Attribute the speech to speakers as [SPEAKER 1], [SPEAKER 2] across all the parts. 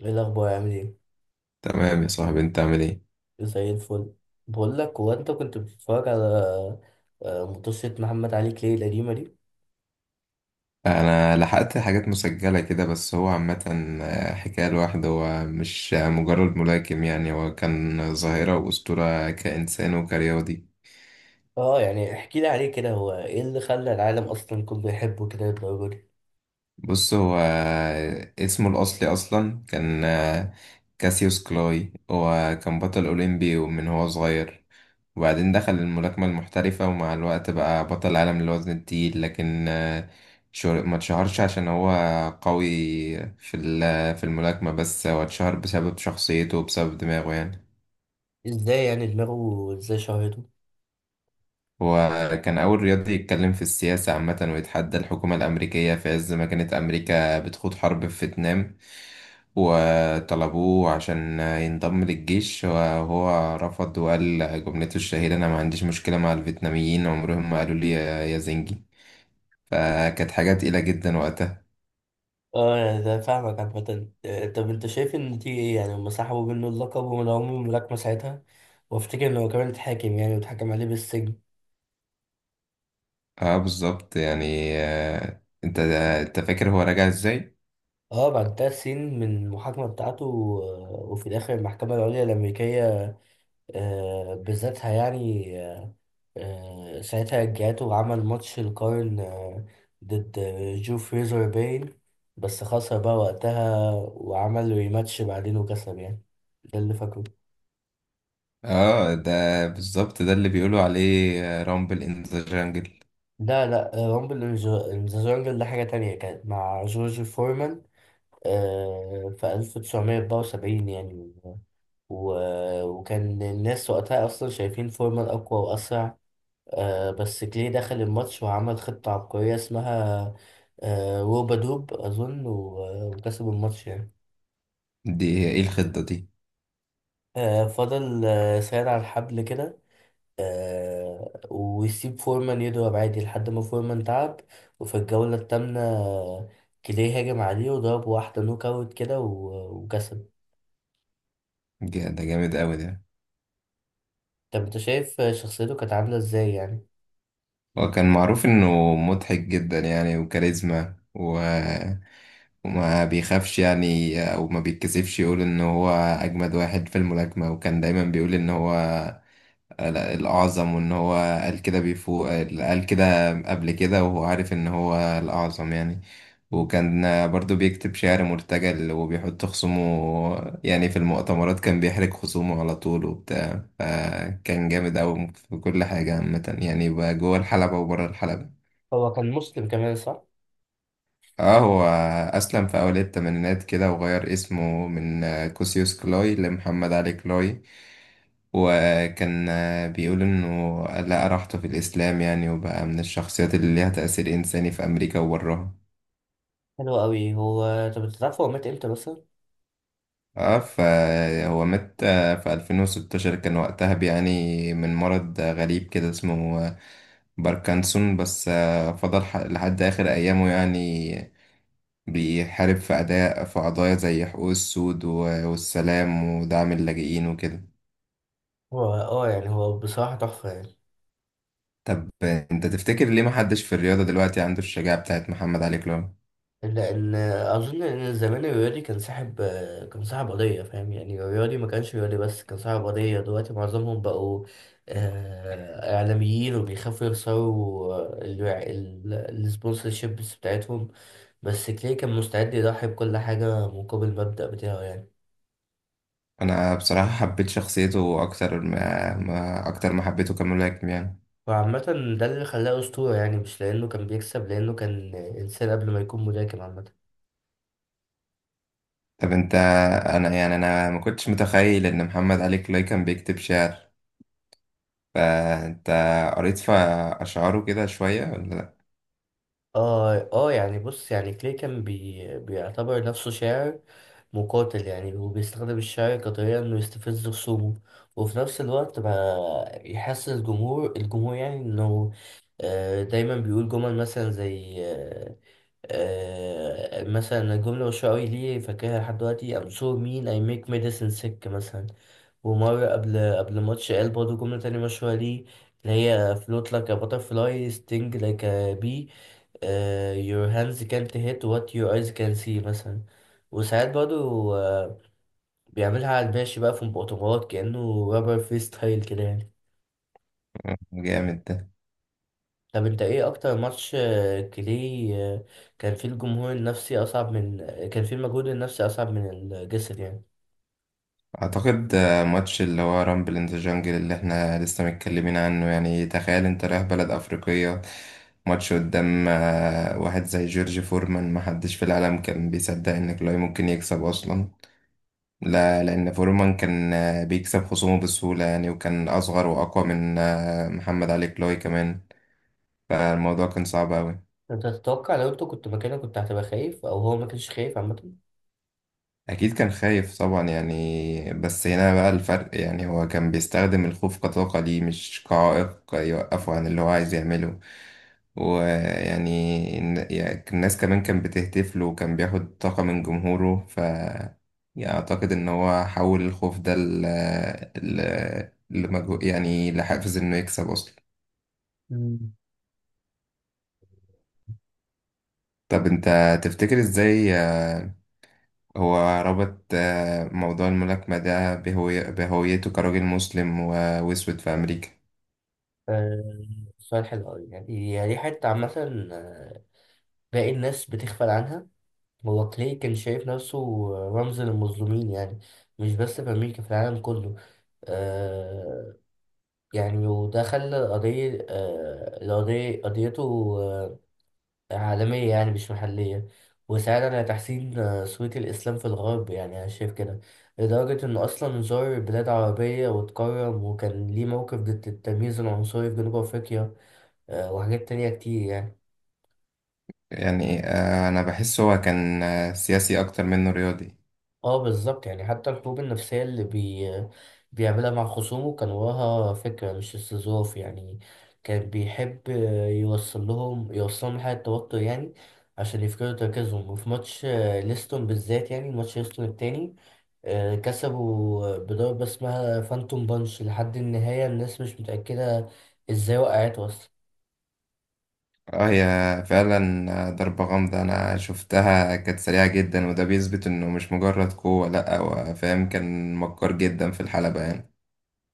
[SPEAKER 1] ايه الاخبار؟ عامل ايه؟
[SPEAKER 2] تمام يا صاحبي، انت عامل ايه؟
[SPEAKER 1] زي الفل. بقول لك، هو انت كنت بتتفرج على منتصرة محمد علي كلاي القديمه دي؟
[SPEAKER 2] انا لحقت حاجات مسجلة كده، بس هو عامة حكاية لوحده. هو مش مجرد ملاكم، يعني هو كان ظاهرة وأسطورة كإنسان وكرياضي.
[SPEAKER 1] اه يعني احكي لي عليه كده، هو ايه اللي خلى العالم اصلا كله يحبه كده للدرجه دي؟
[SPEAKER 2] بص، هو اسمه الأصلي أصلا كان كاسيوس كلاي. هو كان بطل أولمبي ومن هو صغير، وبعدين دخل الملاكمة المحترفة، ومع الوقت بقى بطل عالم للوزن التقيل. لكن ما اتشهرش عشان هو قوي في الملاكمة، بس هو اتشهر بسبب شخصيته وبسبب دماغه يعني.
[SPEAKER 1] ازاي يعني؟ دماغه ازاي شهرته؟
[SPEAKER 2] هو كان أول رياضي يتكلم في السياسة عامة، ويتحدى الحكومة الأمريكية في عز ما كانت أمريكا بتخوض حرب في فيتنام، وطلبوه عشان ينضم للجيش وهو رفض، وقال جملته الشهيرة: أنا ما عنديش مشكلة مع الفيتناميين، عمرهم ما قالوا لي يا زنجي. فكانت حاجة تقيلة جدا وقتها.
[SPEAKER 1] اه يعني ده فاهمك. عامة طب انت شايف ان دي ايه؟ يعني هما سحبوا منه اللقب ومن عمر الملاكمة ساعتها، وافتكر ان هو كمان اتحاكم يعني، واتحكم عليه بالسجن.
[SPEAKER 2] اه بالظبط يعني، انت فاكر هو راجع ازاي؟
[SPEAKER 1] اه، بعد تلات سنين من المحاكمة بتاعته وفي الاخر المحكمة العليا الامريكية بذاتها يعني ساعتها جاته، وعمل ماتش القرن ضد جو فريزر باين. بس خسر بقى وقتها، وعمل ريماتش بعدين وكسب يعني. ده اللي فاكره.
[SPEAKER 2] اه ده بالظبط، ده اللي بيقولوا عليه رامبل ان ذا جانجل.
[SPEAKER 1] لا لا، رامبل إن إن ذا جونجل ده حاجة تانية، كانت مع جورج فورمان في 1974 يعني. و... وكان الناس وقتها أصلا شايفين فورمان أقوى وأسرع. آه، بس كلي دخل الماتش وعمل خطة عبقرية اسمها آه، روبا دوب أظن، وكسب الماتش يعني.
[SPEAKER 2] دي هي ايه الخطة دي؟
[SPEAKER 1] آه، فضل آه ساير على الحبل كده، آه، ويسيب فورمان يضرب عادي لحد ما فورمان تعب. وفي الجولة التامنة كلي هاجم عليه وضرب واحدة نوك أوت كده، وكسب.
[SPEAKER 2] ده جامد قوي ده.
[SPEAKER 1] طب أنت شايف شخصيته كانت عاملة إزاي يعني؟
[SPEAKER 2] هو كان معروف انه مضحك جدا يعني وكاريزما وما بيخافش يعني، او ما بيتكسفش يقول ان هو اجمد واحد في الملاكمة، وكان دايما بيقول ان هو لا، الأعظم. وإن هو قال كده بيفوق، قال كده قبل كده، وهو عارف إن هو الأعظم يعني.
[SPEAKER 1] مم.
[SPEAKER 2] وكان برضو بيكتب شعر مرتجل، وبيحط خصومه يعني في المؤتمرات، كان بيحرج خصومه على طول وبتاع، فكان جامد أوي في كل حاجة عامة، يعني بقى جوه الحلبة وبره الحلبة.
[SPEAKER 1] هو كان مسلم كمان، صح؟
[SPEAKER 2] اه، هو أسلم في أوائل التمانينات كده، وغير اسمه من كوسيوس كلوي لمحمد علي كلوي. وكان بيقول إنه لقى راحته في الإسلام يعني، وبقى من الشخصيات اللي ليها تأثير إنساني في أمريكا وبرها.
[SPEAKER 1] حلو أوي. هو طب أنت تعرف هو مات إمتى مثلا؟
[SPEAKER 2] اه فهو مات في 2016، كان وقتها بيعاني من مرض غريب كده اسمه باركنسون. بس فضل لحد آخر أيامه، يعني بيحارب في أداء في قضايا زي حقوق السود والسلام ودعم اللاجئين وكده.
[SPEAKER 1] هو آه يعني هو بصراحة تحفة يعني.
[SPEAKER 2] طب انت تفتكر ليه محدش في الرياضة دلوقتي عنده الشجاعة بتاعت محمد علي كلاي؟
[SPEAKER 1] لان اظن ان زمان الرياضي كان صاحب، كان صاحب قضيه، فاهم؟ يعني الرياضي ما كانش رياضي بس، كان صاحب قضيه. دلوقتي معظمهم بقوا اعلاميين، وبيخافوا يخسروا السبونسرشيبس بتاعتهم. بس كلي كان مستعد يضحي بكل حاجه مقابل المبدأ بتاعه يعني.
[SPEAKER 2] انا بصراحة حبيت شخصيته اكتر ما اكتر ما حبيته كملاكم يعني.
[SPEAKER 1] وعامة ده اللي خلاه أسطورة يعني، مش لأنه كان بيكسب، لأنه كان إنسان قبل ما يكون ملاكم عامة.
[SPEAKER 2] طب انت، انا يعني انا ما كنتش متخيل ان محمد علي كلاي كان بيكتب شعر. فانت قريت في اشعاره كده شوية ولا لأ؟
[SPEAKER 1] اه اه يعني بص، يعني كلي كان بيعتبر نفسه شاعر مقاتل يعني، وبيستخدم الشعر كطريقة انه يستفز خصومه، وفي نفس الوقت ما يحسس الجمهور يعني انه دايما بيقول جمل مثلا زي مثلا الجملة والشعر ليه فاكرها لحد دلوقتي: I'm so mean I make medicine sick مثلا. ومرة قبل ماتش قال برضه جملة تانية مشهورة ليه، اللي هي float like a butterfly sting like a bee، آه، your hands can't hit what your eyes can see مثلا. وساعات برضو آه بيعملها على الماشي بقى في مؤتمرات، كأنه رابر فري ستايل كده يعني.
[SPEAKER 2] جامد ده.
[SPEAKER 1] طب انت ايه اكتر ماتش آه، كلي آه، كان فيه الجمهور النفسي اصعب من آه، كان فيه المجهود النفسي اصعب من الجسد يعني؟
[SPEAKER 2] اعتقد ماتش اللي هو رامبل ان ذا جانجل اللي احنا لسه متكلمين عنه. يعني تخيل انت رايح بلد افريقية، ماتش قدام واحد زي جورج فورمان، ما حدش في العالم كان بيصدق ان كلاي ممكن يكسب اصلا. لا، لان فورمان كان بيكسب خصومه بسهولة يعني، وكان اصغر واقوى من محمد علي كلاي كمان. فالموضوع كان صعب اوي.
[SPEAKER 1] انت تتوقع لو انت كنت مكانه كنت هتبقى خايف؟ او هو ما كانش خايف عامة؟
[SPEAKER 2] أكيد كان خايف طبعا يعني، بس هنا بقى الفرق. يعني هو كان بيستخدم الخوف كطاقة ليه، مش كعائق يوقفه عن اللي هو عايز يعمله. يعني الناس كمان كان بتهتف له، وكان بياخد طاقة من جمهوره. يعني أعتقد إن هو حول الخوف ده يعني لحافز إنه يكسب أصلا.
[SPEAKER 1] مم.
[SPEAKER 2] طب أنت تفتكر إزاي هو ربط موضوع الملاكمة ده بهويته كراجل مسلم وأسود في أمريكا؟
[SPEAKER 1] آه، سؤال حلو أوي يعني. يعني دي حتة عامة آه، باقي الناس بتغفل عنها. هو كلاي كان شايف نفسه رمز للمظلومين يعني، مش بس في أمريكا، في العالم كله. آه يعني، وده خلى القضية قضيته آه عالمية يعني، مش محلية. وساعد على تحسين صورة الإسلام في الغرب يعني، أنا شايف كده. لدرجة إنه أصلا زار بلاد عربية واتكرم، وكان ليه موقف ضد التمييز العنصري في جنوب أفريقيا، آه، وحاجات تانية كتير يعني.
[SPEAKER 2] يعني أنا بحس هو كان سياسي أكتر منه رياضي.
[SPEAKER 1] اه بالظبط يعني، حتى الحروب النفسية اللي بيعملها مع خصومه كان وراها فكرة، مش استظراف يعني. كان بيحب يوصل لهم حالة توتر يعني، عشان يفقدوا تركيزهم. وفي ماتش ليستون بالذات يعني، ماتش ليستون التاني، كسبوا بضربة اسمها فانتوم بانش. لحد النهاية الناس مش متأكدة ازاي وقعت اصلا.
[SPEAKER 2] اه، هي فعلا ضربة غامضة. أنا شفتها كانت سريعة جدا، وده بيثبت إنه مش مجرد قوة. لأ، هو فاهم، كان مكار جدا في الحلبة يعني.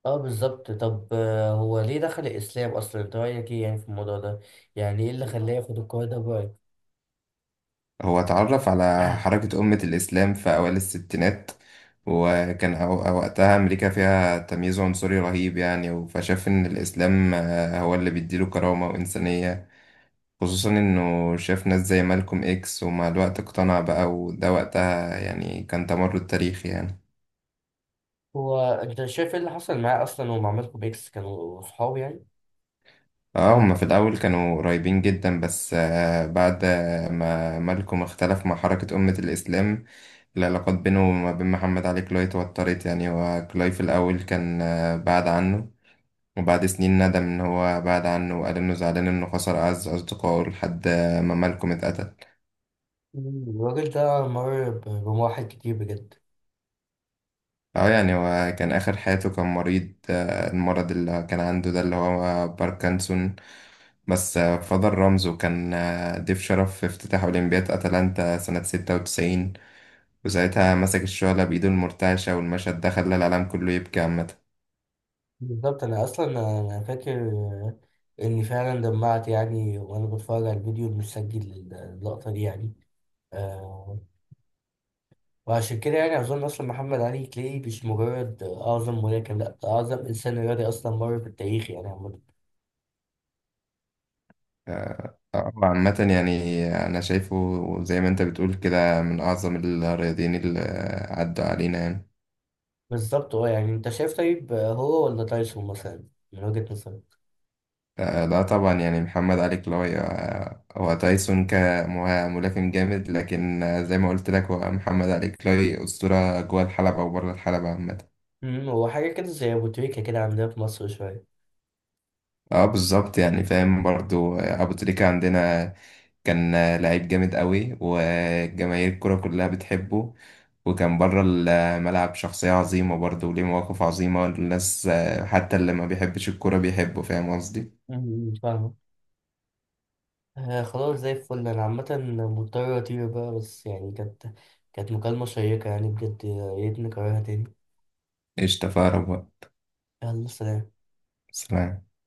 [SPEAKER 1] اه بالظبط. طب هو ليه دخل الإسلام أصلا؟ انت رأيك ايه يعني في الموضوع ده؟ يعني ايه اللي خلاه ياخد القرار ده برأيك؟
[SPEAKER 2] هو اتعرف على حركة أمة الإسلام في أوائل الستينات، وكان وقتها أمريكا فيها تمييز عنصري رهيب يعني. فشاف إن الإسلام هو اللي بيديله كرامة وإنسانية، خصوصا إنه شاف ناس زي مالكوم إكس. ومع الوقت اقتنع بقى، وده وقتها يعني كان تمرد تاريخي يعني.
[SPEAKER 1] هو انت شايف ايه اللي حصل معاه اصلا ومع مالكم بيكس؟ كانوا صحاب يعني؟
[SPEAKER 2] اه، هما في الأول كانوا قريبين جدا، بس بعد ما مالكم اختلف مع حركة أمة الإسلام، العلاقات بينه وما بين محمد علي كلاي اتوترت يعني. هو كلاي في الأول كان بعد عنه، وبعد سنين ندم إن هو بعد عنه، وقال إنه زعلان إنه خسر أعز أصدقائه لحد ما مالكم اتقتل.
[SPEAKER 1] مم. الراجل ده مر بمراحل كتير بجد.
[SPEAKER 2] اه يعني هو كان آخر حياته كان مريض، المرض اللي كان عنده ده اللي هو باركنسون. بس فضل رمزه. كان ضيف شرف في افتتاح أولمبياد أتلانتا سنة 96، وساعتها مسك الشعلة بإيده المرتعشة، والمشهد ده خلى العالم كله يبكي عامة.
[SPEAKER 1] بالظبط. انا اصلا، انا فاكر اني فعلا دمعت يعني، وانا بتفرج على الفيديو المسجل اللقطة دي يعني. آه، وعشان كده يعني اظن اصلا محمد علي كلاي مش مجرد اعظم ملاكم، لا ده اعظم انسان رياضي اصلا مر في التاريخ يعني عمد.
[SPEAKER 2] عامة يعني أنا شايفه زي ما أنت بتقول كده، من أعظم الرياضيين اللي عدوا علينا يعني.
[SPEAKER 1] بالظبط اه يعني. انت شايف طيب هو ولا تايسون مثلا من وجهة نظرك؟
[SPEAKER 2] لا طبعا يعني محمد علي كلاي. هو تايسون كملاكم جامد، لكن زي ما قلت لك، هو محمد علي كلاي أسطورة جوه الحلبة وبره الحلبة عامة.
[SPEAKER 1] مم، هو حاجة كده زي أبو تريكة كده عندنا في مصر شوية.
[SPEAKER 2] اه بالظبط، يعني فاهم برضو. ابو تريكة عندنا كان لعيب جامد قوي، وجماهير الكرة كلها بتحبه، وكان بره الملعب شخصية عظيمة برضو وليه مواقف عظيمة، والناس حتى اللي ما بيحبش الكرة بيحبه. فاهم قصدي؟
[SPEAKER 1] مم، فاهمة. آه خلاص زي الفل. أنا عامة مضطر أطير بقى، بس يعني كانت مكالمة شيقة يعني بجد، يا ريت نكررها تاني.
[SPEAKER 2] قشطة، فأقرب بقى.
[SPEAKER 1] يلا، سلام.
[SPEAKER 2] سلام.